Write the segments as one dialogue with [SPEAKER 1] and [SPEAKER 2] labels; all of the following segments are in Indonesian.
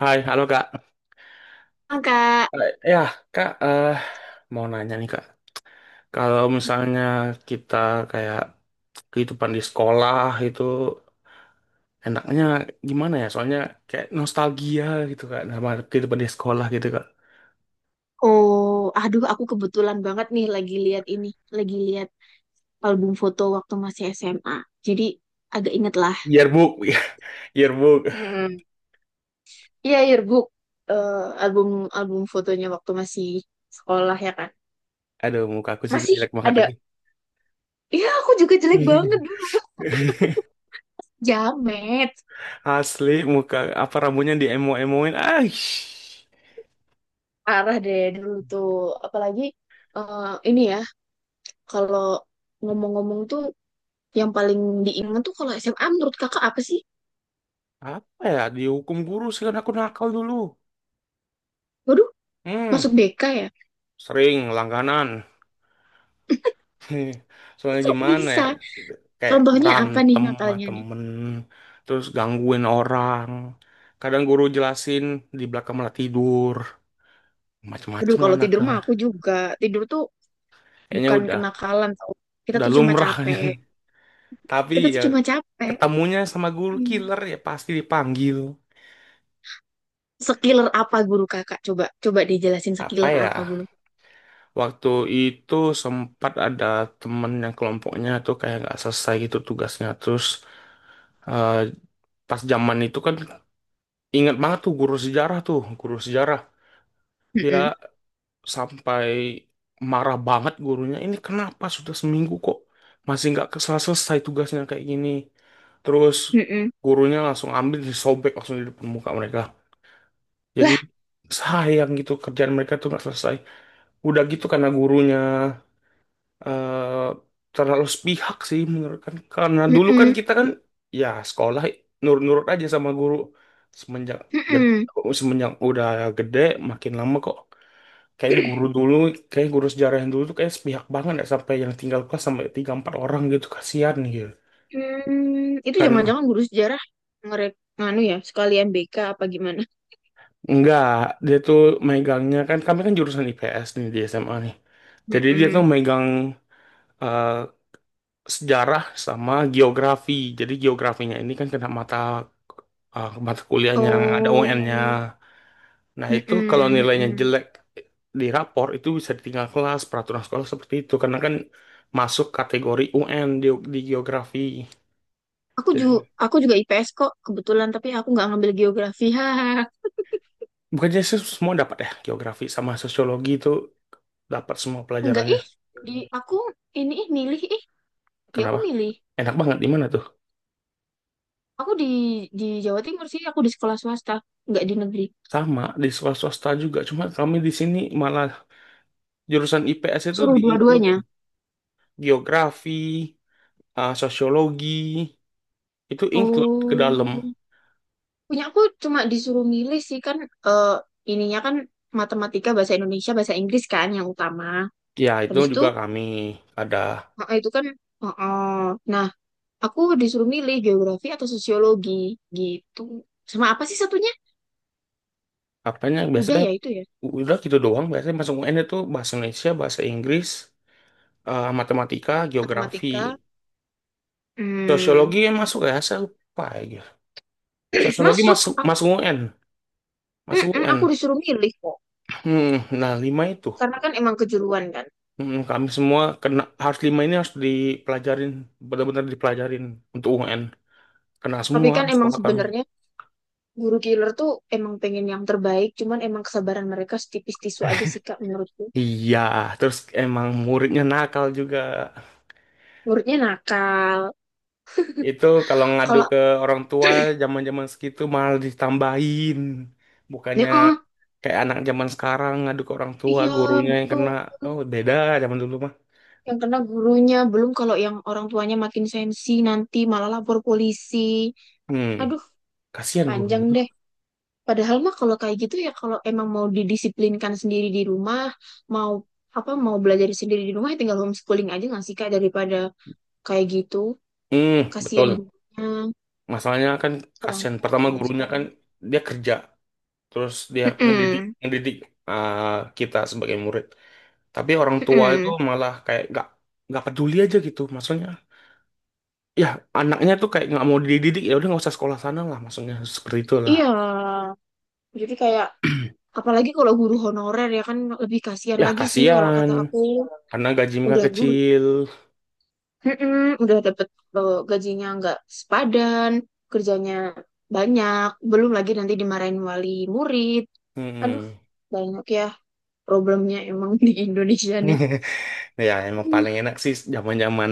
[SPEAKER 1] Hai, halo Kak.
[SPEAKER 2] Ah, Kak,
[SPEAKER 1] Eh, ya, Kak, mau nanya nih Kak. Kalau misalnya kita kayak kehidupan di sekolah itu enaknya gimana ya? Soalnya kayak nostalgia gitu Kak, nama kehidupan di sekolah gitu Kak.
[SPEAKER 2] oh, aduh, aku kebetulan banget nih lagi lihat lagi lihat album foto waktu masih SMA. Jadi agak inget lah.
[SPEAKER 1] Yearbook, yearbook.
[SPEAKER 2] Hmm. Iya, yearbook, eh, album album fotonya waktu masih sekolah ya kan.
[SPEAKER 1] Aduh, muka aku situ
[SPEAKER 2] Masih
[SPEAKER 1] jelek banget
[SPEAKER 2] ada.
[SPEAKER 1] lagi.
[SPEAKER 2] Iya, aku juga jelek banget dulu. Jamet,
[SPEAKER 1] Asli, muka apa rambutnya diemo-emoin. Aish,
[SPEAKER 2] parah deh dulu tuh. Apalagi eh, ini ya, kalau ngomong-ngomong tuh yang paling diingat tuh kalau SMA menurut kakak apa sih?
[SPEAKER 1] apa ya? Dihukum guru sih karena aku nakal dulu.
[SPEAKER 2] Waduh,
[SPEAKER 1] Hmm,
[SPEAKER 2] masuk BK ya?
[SPEAKER 1] sering langganan. Nih, soalnya
[SPEAKER 2] Kok
[SPEAKER 1] gimana ya,
[SPEAKER 2] bisa?
[SPEAKER 1] kayak
[SPEAKER 2] Contohnya apa nih
[SPEAKER 1] berantem sama
[SPEAKER 2] nakalnya nih?
[SPEAKER 1] temen, terus gangguin orang, kadang guru jelasin di belakang malah tidur,
[SPEAKER 2] Aduh,
[SPEAKER 1] macem-macem lah
[SPEAKER 2] kalau tidur mah
[SPEAKER 1] nakalnya.
[SPEAKER 2] aku juga. Tidur tuh
[SPEAKER 1] Kayaknya
[SPEAKER 2] bukan
[SPEAKER 1] udah
[SPEAKER 2] kenakalan tau. Kita
[SPEAKER 1] udah
[SPEAKER 2] tuh cuma
[SPEAKER 1] lumrah.
[SPEAKER 2] capek.
[SPEAKER 1] Tapi
[SPEAKER 2] Kita tuh
[SPEAKER 1] ya,
[SPEAKER 2] cuma capek.
[SPEAKER 1] ketemunya sama guru
[SPEAKER 2] Hmm.
[SPEAKER 1] killer ya pasti dipanggil.
[SPEAKER 2] Sekiller apa guru kakak? Coba coba dijelasin
[SPEAKER 1] Apa
[SPEAKER 2] sekiller
[SPEAKER 1] ya,
[SPEAKER 2] apa guru.
[SPEAKER 1] waktu itu sempat ada temen yang kelompoknya tuh kayak nggak selesai gitu tugasnya terus, eh, pas zaman itu kan, ingat banget tuh guru sejarah. Dia
[SPEAKER 2] Mm-mm.
[SPEAKER 1] sampai marah banget gurunya, ini kenapa sudah seminggu kok masih nggak selesai tugasnya kayak gini. Terus
[SPEAKER 2] Mm-mm.
[SPEAKER 1] gurunya langsung ambil, disobek langsung di depan muka mereka. Jadi
[SPEAKER 2] Lah,
[SPEAKER 1] sayang gitu, kerjaan mereka tuh nggak selesai. Udah gitu karena gurunya terlalu sepihak sih menurut, kan karena dulu kan
[SPEAKER 2] mm-mm.
[SPEAKER 1] kita kan ya sekolah nurut-nurut aja sama guru. semenjak gede,
[SPEAKER 2] Mm-mm.
[SPEAKER 1] semenjak udah gede, makin lama kok kayaknya guru dulu, kayak guru sejarah yang dulu tuh kayak sepihak banget ya, sampai yang tinggal kelas sampai tiga empat orang gitu, kasihan gitu
[SPEAKER 2] Hmm, itu
[SPEAKER 1] kan.
[SPEAKER 2] jangan-jangan guru sejarah ngerek nganu ya, sekalian BK apa gimana?
[SPEAKER 1] Enggak, dia tuh megangnya kan, kami kan jurusan IPS nih di SMA nih, jadi dia tuh
[SPEAKER 2] Mm-mm.
[SPEAKER 1] megang eh, sejarah sama geografi. Jadi geografinya ini kan kena mata, mata kuliahnya ada UN-nya.
[SPEAKER 2] Oh,
[SPEAKER 1] Nah itu kalau
[SPEAKER 2] mm-mm,
[SPEAKER 1] nilainya
[SPEAKER 2] mm-mm.
[SPEAKER 1] jelek di rapor itu bisa ditinggal kelas, peraturan sekolah seperti itu karena kan masuk kategori UN di geografi.
[SPEAKER 2] Aku juga
[SPEAKER 1] Jadi,
[SPEAKER 2] aku juga IPS kok kebetulan, tapi aku nggak ngambil geografi. Hahaha.
[SPEAKER 1] bukannya sih semua dapat ya, geografi sama sosiologi itu dapat semua
[SPEAKER 2] Enggak
[SPEAKER 1] pelajarannya.
[SPEAKER 2] ih, di aku ini ih milih ih, di aku
[SPEAKER 1] Kenapa?
[SPEAKER 2] milih.
[SPEAKER 1] Enak banget di mana tuh?
[SPEAKER 2] Aku di Jawa Timur sih, aku di sekolah swasta, enggak di negeri.
[SPEAKER 1] Sama di swasta juga, cuma kami di sini malah jurusan IPS itu
[SPEAKER 2] Suruh
[SPEAKER 1] di include
[SPEAKER 2] dua-duanya.
[SPEAKER 1] geografi, sosiologi itu include ke dalam.
[SPEAKER 2] Oh, punya aku cuma disuruh milih sih kan eh, ininya kan matematika, bahasa Indonesia, bahasa Inggris kan yang utama.
[SPEAKER 1] Ya itu
[SPEAKER 2] Habis itu
[SPEAKER 1] juga kami ada,
[SPEAKER 2] itu kan eh, eh. Nah, aku disuruh milih geografi atau sosiologi gitu. Sama apa sih satunya?
[SPEAKER 1] apanya
[SPEAKER 2] Udah
[SPEAKER 1] biasanya
[SPEAKER 2] ya itu ya.
[SPEAKER 1] udah gitu doang. Biasanya masuk UN itu bahasa Indonesia, bahasa Inggris, matematika, geografi,
[SPEAKER 2] Matematika. Hmm.
[SPEAKER 1] sosiologi yang masuk ya, saya lupa ya. Sosiologi
[SPEAKER 2] Masuk.
[SPEAKER 1] masuk
[SPEAKER 2] Aku
[SPEAKER 1] masuk UN. Mas UN.
[SPEAKER 2] aku disuruh milih kok.
[SPEAKER 1] Hmm, nah, lima itu.
[SPEAKER 2] Karena kan emang kejuruan kan.
[SPEAKER 1] Hmm, kami semua kena harus lima ini, harus dipelajarin, benar-benar dipelajarin untuk UN. Kena
[SPEAKER 2] Tapi
[SPEAKER 1] semua
[SPEAKER 2] kan emang
[SPEAKER 1] sekolah kami.
[SPEAKER 2] sebenarnya guru killer tuh emang pengen yang terbaik, cuman emang kesabaran mereka setipis tisu aja sih Kak menurutku.
[SPEAKER 1] Iya, terus emang muridnya nakal juga.
[SPEAKER 2] Muridnya nakal.
[SPEAKER 1] Itu kalau ngadu
[SPEAKER 2] Kalau
[SPEAKER 1] ke orang tua zaman-zaman segitu malah ditambahin.
[SPEAKER 2] ini
[SPEAKER 1] Bukannya
[SPEAKER 2] ah,
[SPEAKER 1] kayak anak zaman sekarang ngadu ke orang tua,
[SPEAKER 2] iya
[SPEAKER 1] gurunya yang
[SPEAKER 2] betul.
[SPEAKER 1] kena. Oh, beda zaman dulu mah.
[SPEAKER 2] Yang kena gurunya, belum kalau yang orang tuanya makin sensi nanti malah lapor polisi.
[SPEAKER 1] Hmm,
[SPEAKER 2] Aduh,
[SPEAKER 1] kasihan
[SPEAKER 2] panjang
[SPEAKER 1] gurunya tuh.
[SPEAKER 2] deh. Padahal mah kalau kayak gitu ya kalau emang mau didisiplinkan sendiri di rumah, mau apa mau belajar sendiri di rumah ya tinggal homeschooling aja nggak sih Kak daripada kayak gitu.
[SPEAKER 1] Hmm,
[SPEAKER 2] Kasihan
[SPEAKER 1] betul.
[SPEAKER 2] gurunya.
[SPEAKER 1] Masalahnya kan
[SPEAKER 2] Orang
[SPEAKER 1] kasihan
[SPEAKER 2] tua
[SPEAKER 1] pertama
[SPEAKER 2] zaman
[SPEAKER 1] gurunya
[SPEAKER 2] sekarang.
[SPEAKER 1] kan, dia kerja terus dia ngedidik
[SPEAKER 2] Mm-mm.
[SPEAKER 1] ngedidik kita sebagai murid, tapi orang tua itu
[SPEAKER 2] Mm-mm.
[SPEAKER 1] malah kayak nggak peduli aja gitu, maksudnya ya anaknya tuh kayak nggak mau dididik, ya udah nggak usah sekolah sana lah, maksudnya seperti
[SPEAKER 2] Iya,
[SPEAKER 1] itulah.
[SPEAKER 2] jadi kayak, apalagi kalau guru honorer ya kan, lebih kasihan
[SPEAKER 1] Ya
[SPEAKER 2] lagi sih kalau
[SPEAKER 1] kasihan
[SPEAKER 2] kata aku.
[SPEAKER 1] karena gaji mereka
[SPEAKER 2] Udah guru.
[SPEAKER 1] kecil.
[SPEAKER 2] Mm-mm. Udah dapet, gajinya nggak sepadan, kerjanya banyak, belum lagi nanti dimarahin wali murid. Aduh,
[SPEAKER 1] Mm.
[SPEAKER 2] banyak ya problemnya emang di Indonesia nih.
[SPEAKER 1] Ya emang
[SPEAKER 2] Hmm,
[SPEAKER 1] paling enak sih zaman-zaman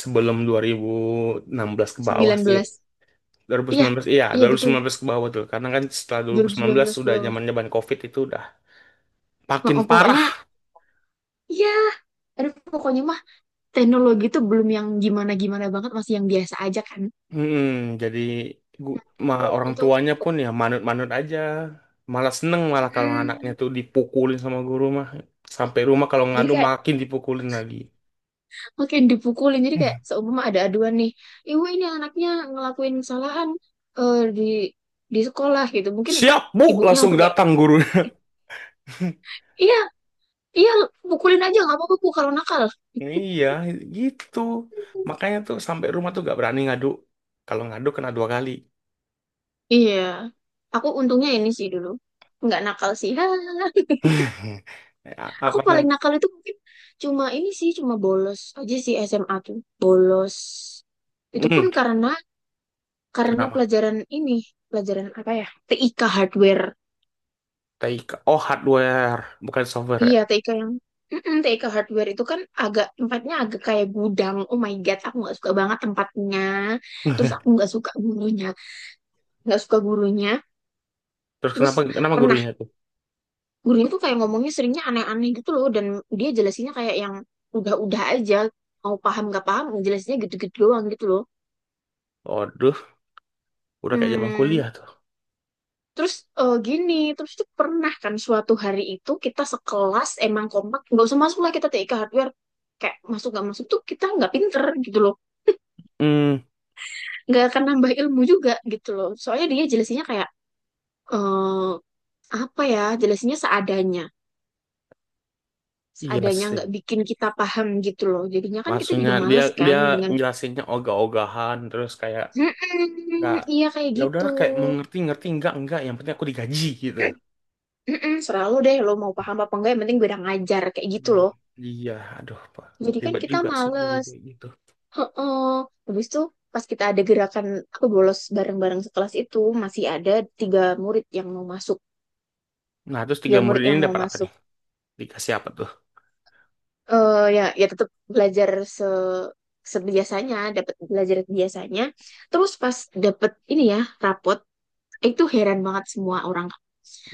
[SPEAKER 1] sebelum 2016 ke bawah
[SPEAKER 2] sembilan
[SPEAKER 1] sih,
[SPEAKER 2] belas. Iya,
[SPEAKER 1] 2019, iya,
[SPEAKER 2] iya, betul,
[SPEAKER 1] 2019 ke bawah tuh, karena kan setelah 2019
[SPEAKER 2] 2019 ke
[SPEAKER 1] sudah
[SPEAKER 2] bawah.
[SPEAKER 1] zamannya ban COVID itu udah makin
[SPEAKER 2] Oh, pokoknya,
[SPEAKER 1] parah.
[SPEAKER 2] iya, aduh, pokoknya mah teknologi itu belum yang gimana-gimana banget, masih yang biasa aja kan.
[SPEAKER 1] Mm-mm, jadi gu-
[SPEAKER 2] Oh,
[SPEAKER 1] orang
[SPEAKER 2] itu.
[SPEAKER 1] tuanya pun ya manut-manut aja. Malah seneng malah kalau anaknya
[SPEAKER 2] Mm.
[SPEAKER 1] tuh dipukulin sama guru mah, sampai rumah kalau
[SPEAKER 2] Jadi
[SPEAKER 1] ngadu
[SPEAKER 2] kayak
[SPEAKER 1] makin dipukulin lagi.
[SPEAKER 2] makin dipukulin, jadi kayak seumpama ada aduan nih, ibu ini anaknya ngelakuin kesalahan di sekolah gitu. Mungkin
[SPEAKER 1] Siap Bu,
[SPEAKER 2] ibunya
[SPEAKER 1] langsung
[SPEAKER 2] langsung kayak,
[SPEAKER 1] datang guru.
[SPEAKER 2] iya, iya, pukulin aja nggak apa-apa Bu, kalau nakal.
[SPEAKER 1] Iya gitu, makanya tuh sampai rumah tuh gak berani ngadu, kalau ngadu kena 2 kali.
[SPEAKER 2] Iya, aku untungnya ini sih dulu, nggak nakal sih. Aku
[SPEAKER 1] Apa
[SPEAKER 2] paling
[SPEAKER 1] namanya.
[SPEAKER 2] nakal itu mungkin cuma ini sih, cuma bolos aja sih SMA tuh. Bolos. Itu pun
[SPEAKER 1] Hmm,
[SPEAKER 2] karena
[SPEAKER 1] kenapa
[SPEAKER 2] pelajaran ini, pelajaran apa ya? TIK hardware.
[SPEAKER 1] Taika? Oh, hardware, bukan software ya.
[SPEAKER 2] Iya, TIK yang, mm-mm, TIK hardware itu kan agak tempatnya agak kayak gudang. Oh my God, aku nggak suka banget tempatnya. Terus aku nggak suka gurunya, nggak suka gurunya.
[SPEAKER 1] Terus
[SPEAKER 2] Terus
[SPEAKER 1] kenapa kenapa
[SPEAKER 2] pernah
[SPEAKER 1] gurunya tuh?
[SPEAKER 2] gurunya tuh kayak ngomongnya seringnya aneh-aneh gitu loh, dan dia jelasinnya kayak yang udah-udah aja. Mau paham nggak paham, jelasinnya gitu-gitu doang gitu loh.
[SPEAKER 1] Waduh, udah kayak zaman
[SPEAKER 2] Hmm,
[SPEAKER 1] kuliah tuh.
[SPEAKER 2] terus, gini, terus itu pernah kan suatu hari itu kita sekelas emang kompak, nggak usah masuk lah kita TIK hardware, kayak masuk nggak masuk tuh kita nggak pinter gitu loh,
[SPEAKER 1] Hmm,
[SPEAKER 2] nggak akan nambah ilmu juga gitu loh. Soalnya dia jelasinnya kayak eh apa ya, jelasinnya seadanya,
[SPEAKER 1] iya
[SPEAKER 2] seadanya
[SPEAKER 1] sih.
[SPEAKER 2] nggak bikin kita paham gitu loh. Jadinya kan kita
[SPEAKER 1] Maksudnya
[SPEAKER 2] juga
[SPEAKER 1] dia
[SPEAKER 2] males kan
[SPEAKER 1] dia
[SPEAKER 2] dengan,
[SPEAKER 1] jelasinnya ogah-ogahan, terus kayak nggak,
[SPEAKER 2] mm-mm, iya kayak
[SPEAKER 1] ya
[SPEAKER 2] gitu,
[SPEAKER 1] udahlah, kayak mau ngerti ngerti enggak, yang penting aku digaji gitu.
[SPEAKER 2] mm-mm, serah deh lo mau paham apa enggak, yang penting gue udah ngajar kayak gitu
[SPEAKER 1] Hmm,
[SPEAKER 2] loh.
[SPEAKER 1] iya, aduh Pak.
[SPEAKER 2] Jadi kan
[SPEAKER 1] Ribet
[SPEAKER 2] kita
[SPEAKER 1] juga sih guru
[SPEAKER 2] males.
[SPEAKER 1] kayak gitu.
[SPEAKER 2] Heeh. Habis itu pas kita ada gerakan aku bolos bareng-bareng sekelas itu masih ada tiga murid yang mau masuk,
[SPEAKER 1] Nah, terus
[SPEAKER 2] tiga
[SPEAKER 1] tiga murid
[SPEAKER 2] murid
[SPEAKER 1] ini
[SPEAKER 2] yang mau
[SPEAKER 1] dapat apa
[SPEAKER 2] masuk.
[SPEAKER 1] nih? Dikasih apa tuh?
[SPEAKER 2] Eh, ya ya tetap belajar se sebiasanya, dapat belajar biasanya. Terus pas dapet ini ya rapot, itu heran banget semua orang.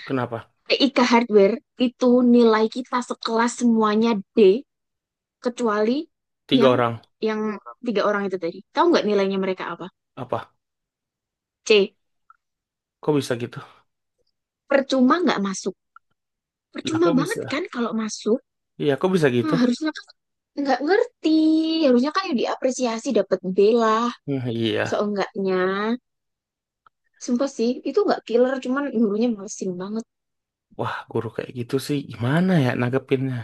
[SPEAKER 1] Kenapa?
[SPEAKER 2] TIK Hardware itu nilai kita sekelas semuanya D, kecuali
[SPEAKER 1] Tiga
[SPEAKER 2] yang
[SPEAKER 1] orang.
[SPEAKER 2] yang tiga orang itu tadi. Tahu nggak nilainya mereka apa?
[SPEAKER 1] Apa?
[SPEAKER 2] C.
[SPEAKER 1] Kok bisa gitu?
[SPEAKER 2] Percuma nggak masuk.
[SPEAKER 1] Lah,
[SPEAKER 2] Percuma
[SPEAKER 1] kok
[SPEAKER 2] banget kan
[SPEAKER 1] bisa?
[SPEAKER 2] kalau masuk.
[SPEAKER 1] Iya, kok bisa gitu?
[SPEAKER 2] Hah, harusnya kan, nggak ngerti, harusnya kan yang diapresiasi dapat B lah
[SPEAKER 1] Hmm, iya.
[SPEAKER 2] seenggaknya. Sumpah sih itu nggak killer, cuman gurunya mesin banget.
[SPEAKER 1] Wah, guru kayak gitu sih gimana ya nanggepinnya?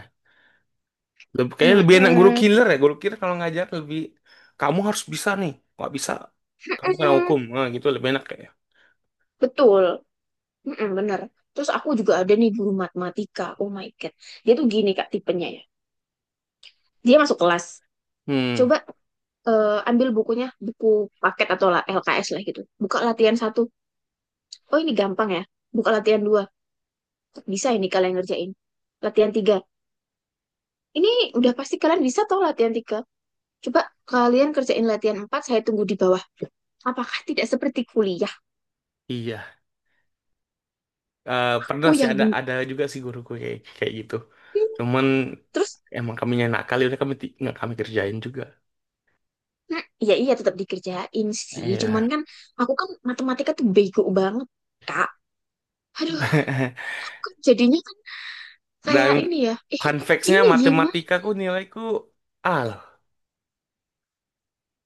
[SPEAKER 1] Kayaknya lebih enak guru
[SPEAKER 2] Mm-mm,
[SPEAKER 1] killer ya. Guru killer kalau ngajar lebih, kamu harus bisa nih. Nggak bisa kamu kena
[SPEAKER 2] mm-mm.
[SPEAKER 1] hukum. Nah, gitu lebih enak kayaknya.
[SPEAKER 2] Betul. Mm-mm, bener. Terus aku juga ada nih guru matematika, oh my god. Dia tuh gini Kak tipenya ya, dia masuk kelas,
[SPEAKER 1] Hmm,
[SPEAKER 2] coba ambil bukunya, buku paket atau lah LKS lah gitu, buka latihan satu, oh ini gampang ya, buka latihan dua, bisa ini kalian ngerjain latihan tiga. Ini udah pasti kalian bisa toh latihan tiga. Coba kalian kerjain latihan empat, saya tunggu di bawah. Apakah tidak seperti kuliah?
[SPEAKER 1] iya.
[SPEAKER 2] Aku
[SPEAKER 1] Pernah sih
[SPEAKER 2] yang
[SPEAKER 1] ada
[SPEAKER 2] bingung.
[SPEAKER 1] ada juga sih guruku kayak kayak gitu. Cuman
[SPEAKER 2] Terus,
[SPEAKER 1] emang kami nakal kali, udah kami nggak kami kerjain juga.
[SPEAKER 2] hmm, ya iya tetap dikerjain sih. Cuman
[SPEAKER 1] Iya.
[SPEAKER 2] kan, aku kan matematika tuh bego banget, Kak. Aduh, kok jadinya kan
[SPEAKER 1] Dan
[SPEAKER 2] kayak ini ya. Eh,
[SPEAKER 1] fun facts-nya
[SPEAKER 2] ini gimana?
[SPEAKER 1] matematikaku nilaiku A lah.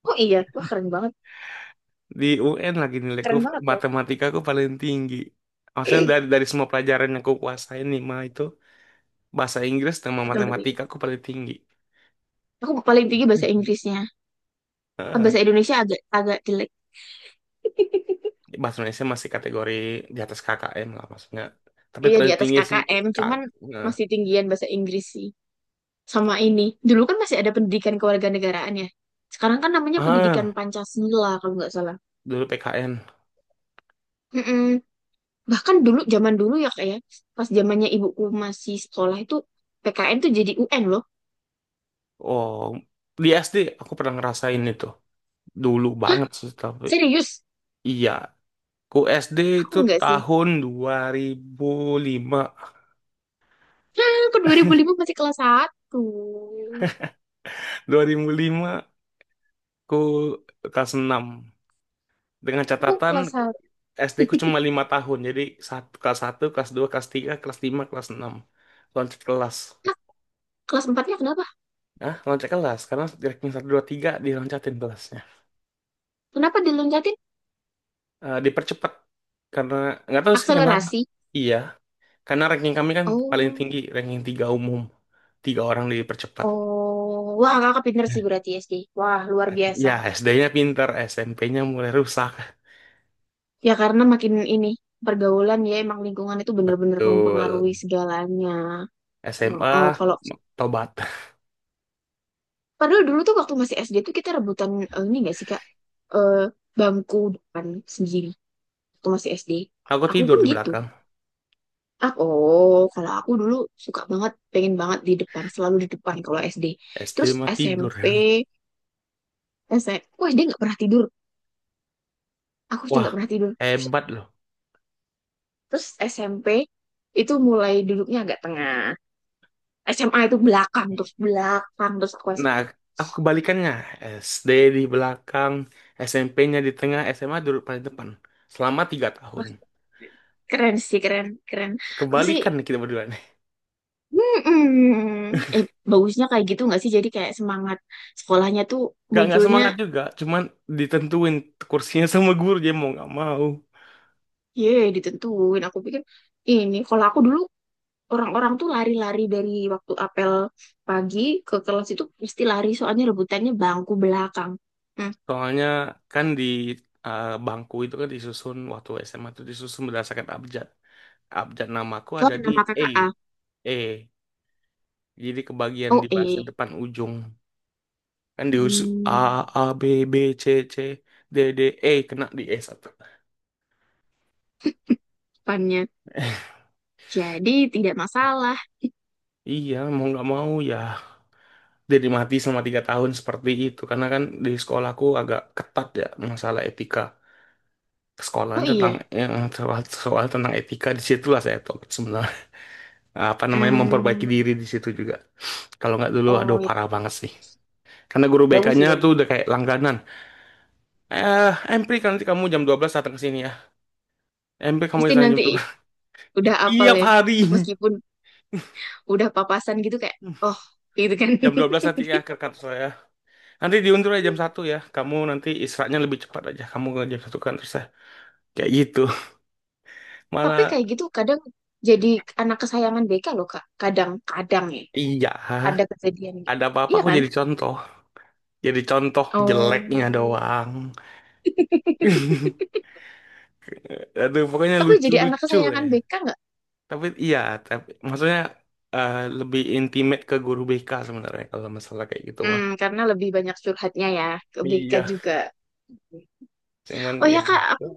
[SPEAKER 2] Oh iya, wah keren banget.
[SPEAKER 1] Di UN lagi nilaiku
[SPEAKER 2] Keren banget loh
[SPEAKER 1] matematika aku paling tinggi. Maksudnya dari semua pelajaran yang aku kuasain nih mah itu, bahasa Inggris sama
[SPEAKER 2] matematika.
[SPEAKER 1] matematika aku paling tinggi.
[SPEAKER 2] Aku paling tinggi bahasa Inggrisnya. Ah,
[SPEAKER 1] Heeh.
[SPEAKER 2] Bahasa Indonesia agak agak jelek.
[SPEAKER 1] Bahasa Indonesia masih kategori di atas KKM lah maksudnya. Tapi
[SPEAKER 2] Iya di
[SPEAKER 1] paling
[SPEAKER 2] atas
[SPEAKER 1] tinggi sih
[SPEAKER 2] KKM,
[SPEAKER 1] Kak.
[SPEAKER 2] cuman
[SPEAKER 1] Nah.
[SPEAKER 2] masih tinggian bahasa Inggris sih. Sama ini. Dulu kan masih ada pendidikan kewarganegaraan ya. Sekarang kan namanya pendidikan
[SPEAKER 1] Ah,
[SPEAKER 2] Pancasila kalau nggak salah.
[SPEAKER 1] dulu PKN.
[SPEAKER 2] Mm-mm. Bahkan dulu zaman dulu ya kayak pas zamannya ibuku masih sekolah itu PKN tuh jadi UN loh.
[SPEAKER 1] Oh, di SD aku pernah ngerasain itu. Dulu
[SPEAKER 2] Hah,
[SPEAKER 1] banget sih tapi,
[SPEAKER 2] serius?
[SPEAKER 1] iya. Ku SD
[SPEAKER 2] Aku
[SPEAKER 1] itu
[SPEAKER 2] enggak sih.
[SPEAKER 1] tahun 2005.
[SPEAKER 2] Hah, aku 2005 masih kelas satu.
[SPEAKER 1] 2005 ku kelas enam. Dengan
[SPEAKER 2] Aku
[SPEAKER 1] catatan
[SPEAKER 2] kelas satu.
[SPEAKER 1] SD ku cuma 5 tahun. Jadi kelas satu, kelas dua, kelas tiga, kelas lima, kelas enam. Loncat kelas.
[SPEAKER 2] Hah, kelas empatnya kenapa?
[SPEAKER 1] Nah, loncat kelas. Karena di ranking 1, 2, 3 diloncatin kelasnya.
[SPEAKER 2] Kenapa diloncatin?
[SPEAKER 1] Eh, dipercepat. Karena, nggak tahu sih kenapa.
[SPEAKER 2] Akselerasi.
[SPEAKER 1] Iya. Karena ranking kami kan paling
[SPEAKER 2] Oh.
[SPEAKER 1] tinggi. Ranking tiga umum. Tiga orang dipercepat.
[SPEAKER 2] Oh, wah kakak pinter sih berarti SD. Wah, luar biasa.
[SPEAKER 1] Ya, SD-nya pinter. SMP-nya mulai rusak.
[SPEAKER 2] Ya karena makin ini pergaulan ya emang lingkungan itu bener-bener
[SPEAKER 1] Betul.
[SPEAKER 2] mempengaruhi segalanya. Oh,
[SPEAKER 1] SMA,
[SPEAKER 2] kalau
[SPEAKER 1] tobat.
[SPEAKER 2] padahal dulu tuh waktu masih SD tuh kita rebutan, ini gak sih Kak? Eh, bangku depan sendiri waktu masih SD.
[SPEAKER 1] Aku
[SPEAKER 2] Aku
[SPEAKER 1] tidur
[SPEAKER 2] pun
[SPEAKER 1] di
[SPEAKER 2] gitu.
[SPEAKER 1] belakang.
[SPEAKER 2] Ah, oh, kalau aku dulu suka banget, pengen banget di depan, selalu di depan kalau SD.
[SPEAKER 1] SD
[SPEAKER 2] Terus
[SPEAKER 1] mah tidur
[SPEAKER 2] SMP,
[SPEAKER 1] ya.
[SPEAKER 2] SMP, aku SD nggak pernah tidur. Aku SD
[SPEAKER 1] Wah,
[SPEAKER 2] nggak pernah tidur.
[SPEAKER 1] hebat loh.
[SPEAKER 2] Terus SMP itu mulai duduknya agak tengah. SMA itu belakang terus aku SD.
[SPEAKER 1] Nah, aku kebalikannya. SD di belakang, SMP-nya di tengah, SMA dulu paling depan. Selama 3 tahun.
[SPEAKER 2] Wah, keren sih, keren, keren. Aku sih
[SPEAKER 1] Kebalikan nih kita berdua nih.
[SPEAKER 2] mm-mm. eh bagusnya kayak gitu nggak sih, jadi kayak semangat sekolahnya tuh
[SPEAKER 1] Gak, nggak
[SPEAKER 2] munculnya.
[SPEAKER 1] semangat juga, cuman ditentuin kursinya sama guru, dia mau nggak mau.
[SPEAKER 2] Ye, ditentuin aku pikir. Ini kalau aku dulu orang-orang tuh lari-lari dari waktu apel pagi ke kelas itu pasti lari, soalnya rebutannya bangku belakang. Hmm.
[SPEAKER 1] Soalnya kan bangku itu kan disusun, waktu SMA itu disusun berdasarkan abjad. Abjad namaku
[SPEAKER 2] Oh,
[SPEAKER 1] ada di
[SPEAKER 2] nama
[SPEAKER 1] E.
[SPEAKER 2] kakak A.
[SPEAKER 1] E. Jadi kebagian di
[SPEAKER 2] Oh,
[SPEAKER 1] bagian
[SPEAKER 2] eh,
[SPEAKER 1] depan ujung. Kan di A,
[SPEAKER 2] hmm,
[SPEAKER 1] A, B, B, C, C, D, D, E. Kena di E satu.
[SPEAKER 2] depannya jadi tidak masalah.
[SPEAKER 1] Iya, mau nggak mau ya jadi mati selama 3 tahun seperti itu. Karena kan di sekolahku agak ketat ya masalah etika. Sekolahan
[SPEAKER 2] Oh iya,
[SPEAKER 1] tentang yang soal, soal tentang etika, di situlah saya tuh sebenarnya apa namanya memperbaiki
[SPEAKER 2] hmm.
[SPEAKER 1] diri di situ juga. Kalau nggak dulu, aduh
[SPEAKER 2] Oh
[SPEAKER 1] parah
[SPEAKER 2] gitu.
[SPEAKER 1] banget sih. Karena guru
[SPEAKER 2] Bagus
[SPEAKER 1] BK-nya
[SPEAKER 2] sih,
[SPEAKER 1] tuh
[SPEAKER 2] bagus.
[SPEAKER 1] udah kayak langganan. Eh, Empri kan nanti kamu jam 12 datang ke sini ya. Empri kamu
[SPEAKER 2] Mesti
[SPEAKER 1] datang jam
[SPEAKER 2] nanti
[SPEAKER 1] dua belas
[SPEAKER 2] udah apal
[SPEAKER 1] Tiap
[SPEAKER 2] ya.
[SPEAKER 1] hari.
[SPEAKER 2] Meskipun udah papasan gitu kayak, oh gitu kan.
[SPEAKER 1] Jam 12 nanti ya ke kantor saya. Nanti diundur aja jam 1 ya. Kamu nanti istirahatnya lebih cepat aja. Kamu ke jam 1 kan terus ya. Kayak gitu.
[SPEAKER 2] Tapi
[SPEAKER 1] Malah
[SPEAKER 2] kayak gitu kadang jadi anak kesayangan BK loh, Kak. Kadang-kadang ya.
[SPEAKER 1] iya,
[SPEAKER 2] Ada kejadian gitu.
[SPEAKER 1] ada apa-apa
[SPEAKER 2] Iya
[SPEAKER 1] aku
[SPEAKER 2] kan?
[SPEAKER 1] jadi contoh. Jadi contoh
[SPEAKER 2] Oh.
[SPEAKER 1] jeleknya doang. Aduh, pokoknya
[SPEAKER 2] Tapi jadi anak
[SPEAKER 1] lucu-lucu ya.
[SPEAKER 2] kesayangan BK nggak?
[SPEAKER 1] Tapi iya, tapi maksudnya lebih intimate ke guru BK sebenarnya kalau masalah kayak gitu mah.
[SPEAKER 2] Hmm, karena lebih banyak curhatnya ya ke BK
[SPEAKER 1] Iya,
[SPEAKER 2] juga.
[SPEAKER 1] cuman
[SPEAKER 2] Oh ya
[SPEAKER 1] ya.
[SPEAKER 2] Kak, aku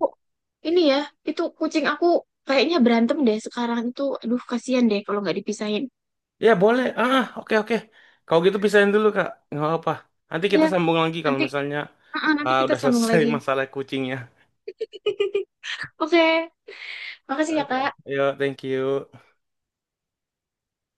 [SPEAKER 2] ini ya, itu kucing aku kayaknya berantem deh sekarang itu. Aduh, kasihan deh kalau nggak dipisahin.
[SPEAKER 1] Ya boleh. Ah, ah, oke oke. Kalau gitu pisahin dulu Kak. Nggak apa-apa. Nanti
[SPEAKER 2] Iya,
[SPEAKER 1] kita sambung lagi kalau
[SPEAKER 2] nanti,
[SPEAKER 1] misalnya
[SPEAKER 2] nanti kita
[SPEAKER 1] udah
[SPEAKER 2] sambung
[SPEAKER 1] selesai.
[SPEAKER 2] lagi.
[SPEAKER 1] Masalah kucingnya.
[SPEAKER 2] Oke, makasih ya,
[SPEAKER 1] Oke,
[SPEAKER 2] Kak.
[SPEAKER 1] yuk, thank you.